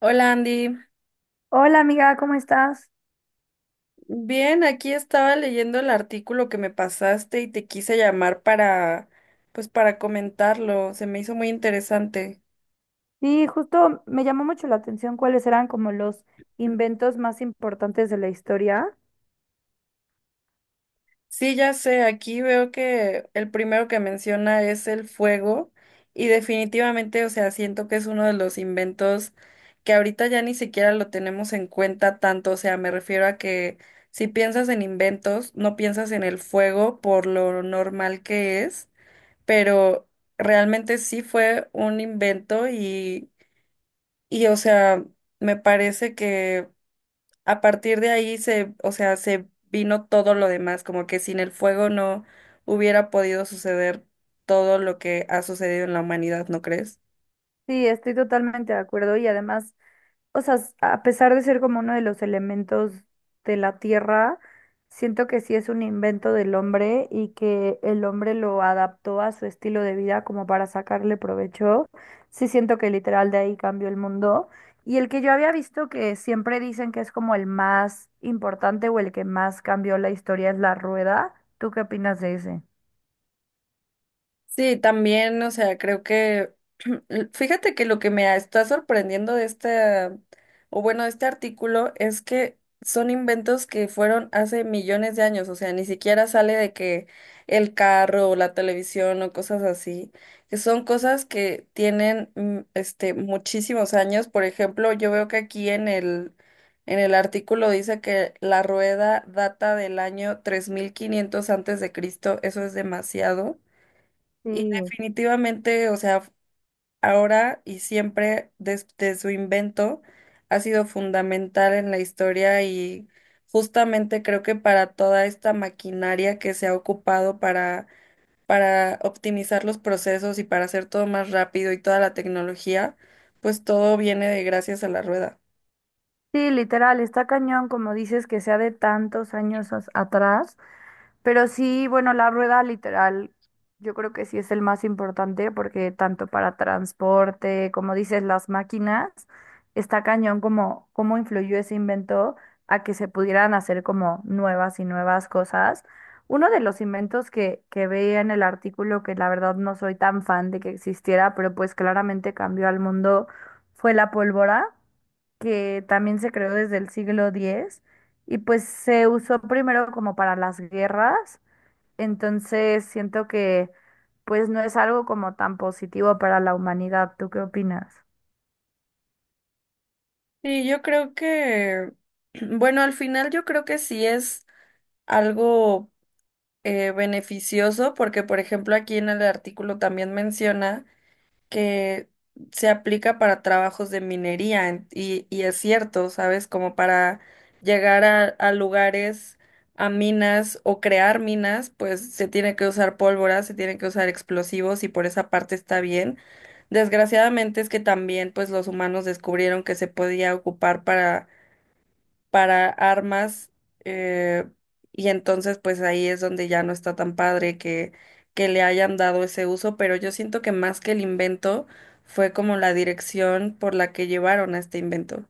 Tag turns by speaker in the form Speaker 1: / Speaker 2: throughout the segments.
Speaker 1: Hola Andy,
Speaker 2: Hola amiga, ¿cómo estás?
Speaker 1: bien, aquí estaba leyendo el artículo que me pasaste y te quise llamar pues para comentarlo, se me hizo muy interesante.
Speaker 2: Sí, justo me llamó mucho la atención cuáles eran como los inventos más importantes de la historia.
Speaker 1: Sí, ya sé, aquí veo que el primero que menciona es el fuego y definitivamente, o sea, siento que es uno de los inventos que ahorita ya ni siquiera lo tenemos en cuenta tanto, o sea, me refiero a que si piensas en inventos, no piensas en el fuego por lo normal que es. Pero realmente sí fue un invento y o sea, me parece que a partir de ahí o sea, se vino todo lo demás, como que sin el fuego no hubiera podido suceder todo lo que ha sucedido en la humanidad, ¿no crees?
Speaker 2: Sí, estoy totalmente de acuerdo y además o sea, a pesar de ser como uno de los elementos de la tierra, siento que sí es un invento del hombre y que el hombre lo adaptó a su estilo de vida como para sacarle provecho. Sí, siento que literal de ahí cambió el mundo. Y el que yo había visto que siempre dicen que es como el más importante o el que más cambió la historia es la rueda. ¿Tú qué opinas de ese?
Speaker 1: Sí, también, o sea, creo que, fíjate que lo que me está sorprendiendo de este artículo es que son inventos que fueron hace millones de años, o sea, ni siquiera sale de que el carro o la televisión o cosas así, que son cosas que tienen, este, muchísimos años. Por ejemplo, yo veo que aquí en el artículo dice que la rueda data del año 3500 a. C., eso es demasiado. Y
Speaker 2: Sí.
Speaker 1: definitivamente, o sea, ahora y siempre desde su invento ha sido fundamental en la historia y justamente creo que para toda esta maquinaria que se ha ocupado para optimizar los procesos y para hacer todo más rápido y toda la tecnología, pues todo viene de gracias a la rueda.
Speaker 2: Sí, literal, está cañón, como dices, que sea de tantos atrás. Pero sí, bueno, la rueda literal, yo creo que sí es el más importante porque tanto para transporte, como dices, las máquinas, está cañón como cómo influyó ese invento a que se pudieran hacer como nuevas y nuevas cosas. Uno de los inventos que veía en el artículo, que la verdad no soy tan fan de que existiera, pero pues claramente cambió al mundo, fue la pólvora que también se creó desde el siglo X y pues se usó primero como para las guerras, entonces siento que pues no es algo como tan positivo para la humanidad. ¿Tú qué opinas?
Speaker 1: Y yo creo que, bueno, al final yo creo que sí es algo beneficioso porque, por ejemplo, aquí en el artículo también menciona que se aplica para trabajos de minería y es cierto, ¿sabes? Como para llegar a lugares, a minas o crear minas, pues se tiene que usar pólvora, se tiene que usar explosivos y por esa parte está bien. Desgraciadamente es que también pues los humanos descubrieron que se podía ocupar para armas, eh, y entonces pues ahí es donde ya no está tan padre que le hayan dado ese uso, pero yo siento que más que el invento fue como la dirección por la que llevaron a este invento.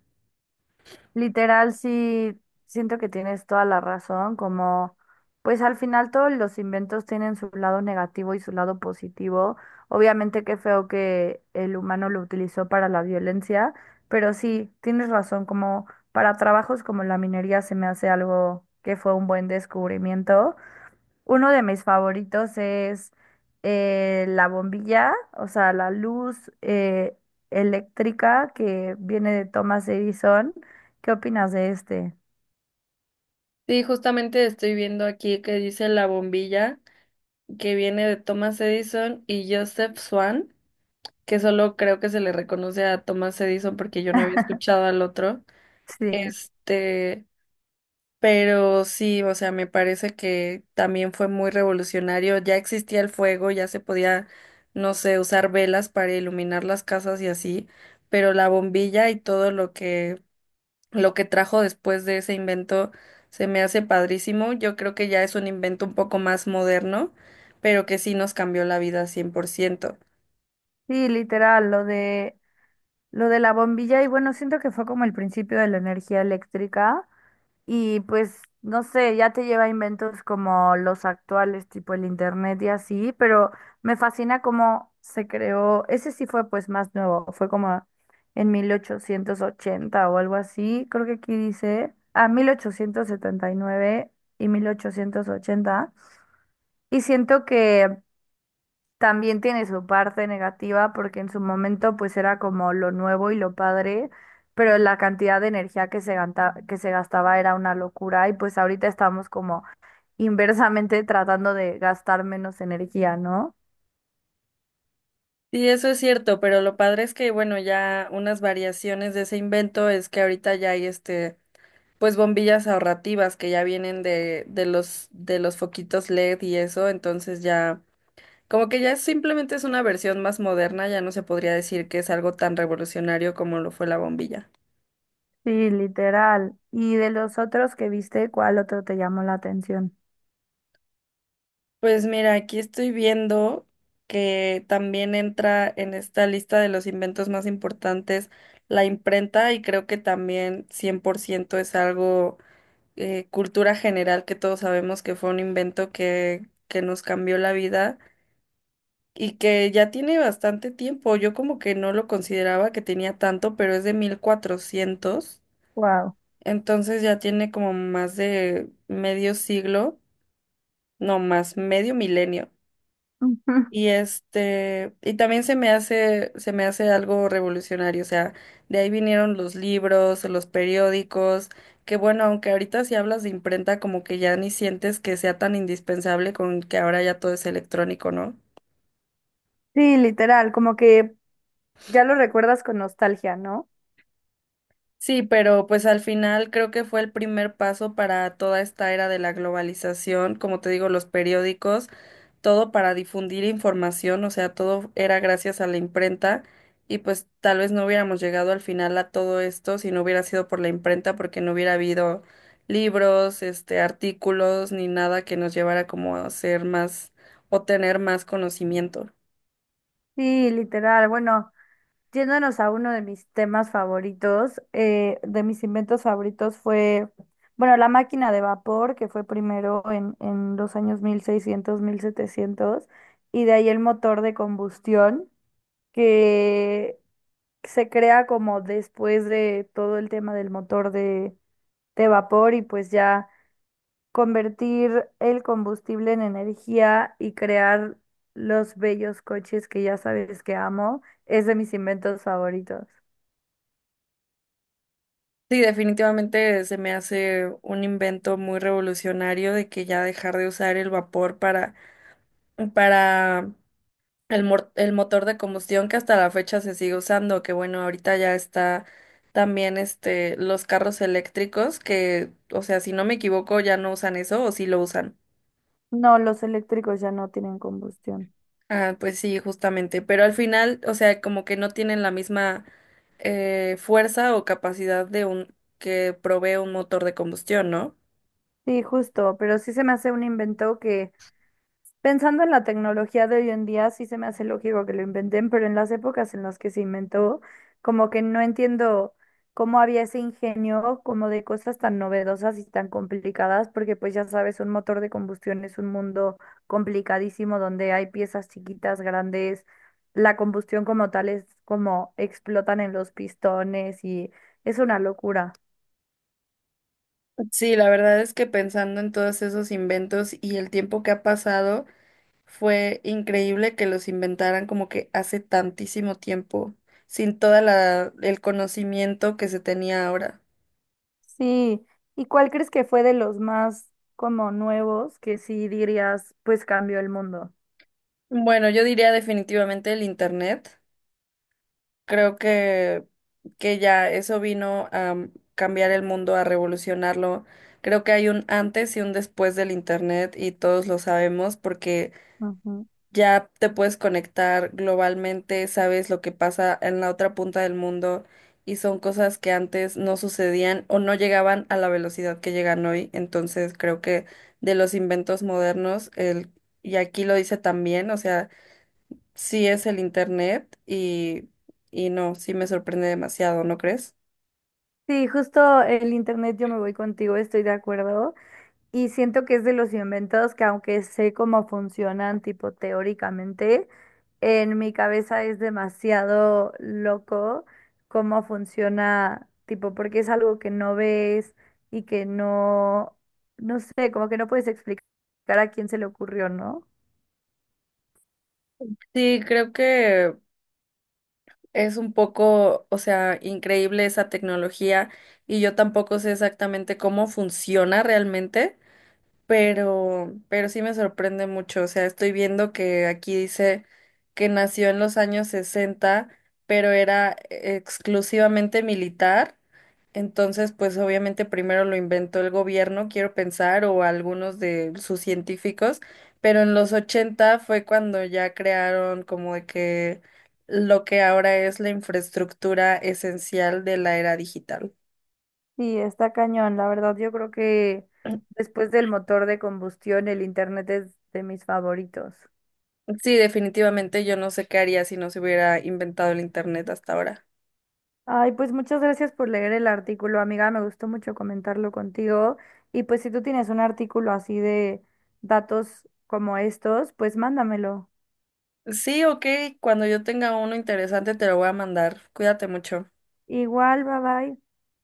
Speaker 2: Literal, sí, siento que tienes toda la razón, como pues al final todos los inventos tienen su lado negativo y su lado positivo. Obviamente qué feo que el humano lo utilizó para la violencia, pero sí, tienes razón, como para trabajos como la minería se me hace algo que fue un buen descubrimiento. Uno de mis favoritos es la bombilla, o sea, la luz eléctrica que viene de Thomas Edison. ¿Qué opinas de este?
Speaker 1: Sí, justamente estoy viendo aquí que dice la bombilla que viene de Thomas Edison y Joseph Swan, que solo creo que se le reconoce a Thomas Edison porque yo no había escuchado al otro.
Speaker 2: Sí,
Speaker 1: Este, Pero sí, o sea, me parece que también fue muy revolucionario. Ya existía el fuego, ya se podía, no sé, usar velas para iluminar las casas y así, pero la bombilla y todo lo que trajo después de ese invento se me hace padrísimo. Yo creo que ya es un invento un poco más moderno, pero que sí nos cambió la vida 100%.
Speaker 2: sí, literal, lo de la bombilla y bueno, siento que fue como el principio de la energía eléctrica. Y pues, no sé, ya te lleva a inventos como los actuales, tipo el internet y así, pero me fascina cómo se creó. Ese sí fue pues más nuevo, fue como en 1880 o algo así, creo que aquí dice, a 1879 y 1880. Y siento que también tiene su parte negativa porque en su momento pues era como lo nuevo y lo padre, pero la cantidad de energía que que se gastaba era una locura y pues ahorita estamos como inversamente tratando de gastar menos energía, ¿no?
Speaker 1: Sí, eso es cierto, pero lo padre es que, bueno, ya unas variaciones de ese invento es que ahorita ya hay este pues bombillas ahorrativas que ya vienen de los foquitos LED y eso, entonces ya, como que ya simplemente es una versión más moderna, ya no se podría decir que es algo tan revolucionario como lo fue la bombilla.
Speaker 2: Sí, literal. ¿Y de los otros que viste, cuál otro te llamó la atención?
Speaker 1: Pues mira, aquí estoy viendo que también entra en esta lista de los inventos más importantes la imprenta y creo que también 100% es algo cultura general que todos sabemos que fue un invento que nos cambió la vida y que ya tiene bastante tiempo. Yo como que no lo consideraba que tenía tanto, pero es de 1400.
Speaker 2: Wow.
Speaker 1: Entonces ya tiene como más de medio siglo, no más, medio milenio. Y este, y también se me hace algo revolucionario, o sea, de ahí vinieron los libros, los periódicos, que bueno, aunque ahorita si hablas de imprenta, como que ya ni sientes que sea tan indispensable con que ahora ya todo es electrónico, ¿no?
Speaker 2: Sí, literal, como que ya lo recuerdas con nostalgia, ¿no?
Speaker 1: Sí, pero pues al final creo que fue el primer paso para toda esta era de la globalización, como te digo, los periódicos, todo para difundir información, o sea, todo era gracias a la imprenta y pues tal vez no hubiéramos llegado al final a todo esto si no hubiera sido por la imprenta, porque no hubiera habido libros, este, artículos ni nada que nos llevara como a ser más o tener más conocimiento.
Speaker 2: Sí, literal. Bueno. Yéndonos a uno de mis temas favoritos, de mis inventos favoritos fue, bueno, la máquina de vapor, que fue primero en los años 1600, 1700, y de ahí el motor de combustión, que se crea como después de todo el tema del motor de vapor y pues ya convertir el combustible en energía y crear los bellos coches que ya sabes que amo. Es de mis inventos favoritos.
Speaker 1: Sí, definitivamente se me hace un invento muy revolucionario de que ya dejar de usar el vapor para el, motor de combustión que hasta la fecha se sigue usando, que bueno, ahorita ya está también este los carros eléctricos que, o sea, si no me equivoco, ya no usan eso o sí lo usan.
Speaker 2: No, los eléctricos ya no tienen combustión.
Speaker 1: Ah, pues sí, justamente, pero al final, o sea, como que no tienen la misma fuerza o capacidad de un que provee un motor de combustión, ¿no?
Speaker 2: Sí, justo, pero sí se me hace un invento que, pensando en la tecnología de hoy en día, sí se me hace lógico que lo inventen, pero en las épocas en las que se inventó, como que no entiendo cómo había ese ingenio como de cosas tan novedosas y tan complicadas, porque pues ya sabes, un motor de combustión es un mundo complicadísimo donde hay piezas chiquitas, grandes, la combustión como tal es como explotan en los pistones y es una locura.
Speaker 1: Sí, la verdad es que pensando en todos esos inventos y el tiempo que ha pasado, fue increíble que los inventaran como que hace tantísimo tiempo, sin toda la el conocimiento que se tenía ahora.
Speaker 2: Sí, ¿y cuál crees que fue de los más como nuevos que sí dirías, pues cambió el mundo?
Speaker 1: Bueno, yo diría definitivamente el internet. Creo que ya eso vino a cambiar el mundo, a revolucionarlo. Creo que hay un antes y un después del internet y todos lo sabemos porque
Speaker 2: Ujú.
Speaker 1: ya te puedes conectar globalmente, sabes lo que pasa en la otra punta del mundo y son cosas que antes no sucedían o no llegaban a la velocidad que llegan hoy. Entonces creo que de los inventos modernos, el, y aquí lo dice también, o sea, sí es el internet y no, sí me sorprende demasiado, ¿no crees?
Speaker 2: Sí, justo el internet yo me voy contigo, estoy de acuerdo. Y siento que es de los inventos que aunque sé cómo funcionan, tipo teóricamente, en mi cabeza es demasiado loco cómo funciona, tipo, porque es algo que no ves y que no, no sé, como que no puedes explicar a quién se le ocurrió, ¿no?
Speaker 1: Sí, creo que es un poco, o sea, increíble esa tecnología y yo tampoco sé exactamente cómo funciona realmente. Pero, sí me sorprende mucho. O sea, estoy viendo que aquí dice que nació en los años 60 pero era exclusivamente militar. Entonces, pues obviamente primero lo inventó el gobierno, quiero pensar, o algunos de sus científicos, pero en los 80 fue cuando ya crearon como de que lo que ahora es la infraestructura esencial de la era digital.
Speaker 2: Sí, está cañón. La verdad, yo creo que después del motor de combustión, el internet es de mis favoritos.
Speaker 1: Sí, definitivamente yo no sé qué haría si no se hubiera inventado el internet hasta ahora.
Speaker 2: Ay, pues muchas gracias por leer el artículo, amiga. Me gustó mucho comentarlo contigo. Y pues si tú tienes un artículo así de datos como estos, pues mándamelo.
Speaker 1: Sí, ok, cuando yo tenga uno interesante te lo voy a mandar. Cuídate mucho.
Speaker 2: Igual, bye bye.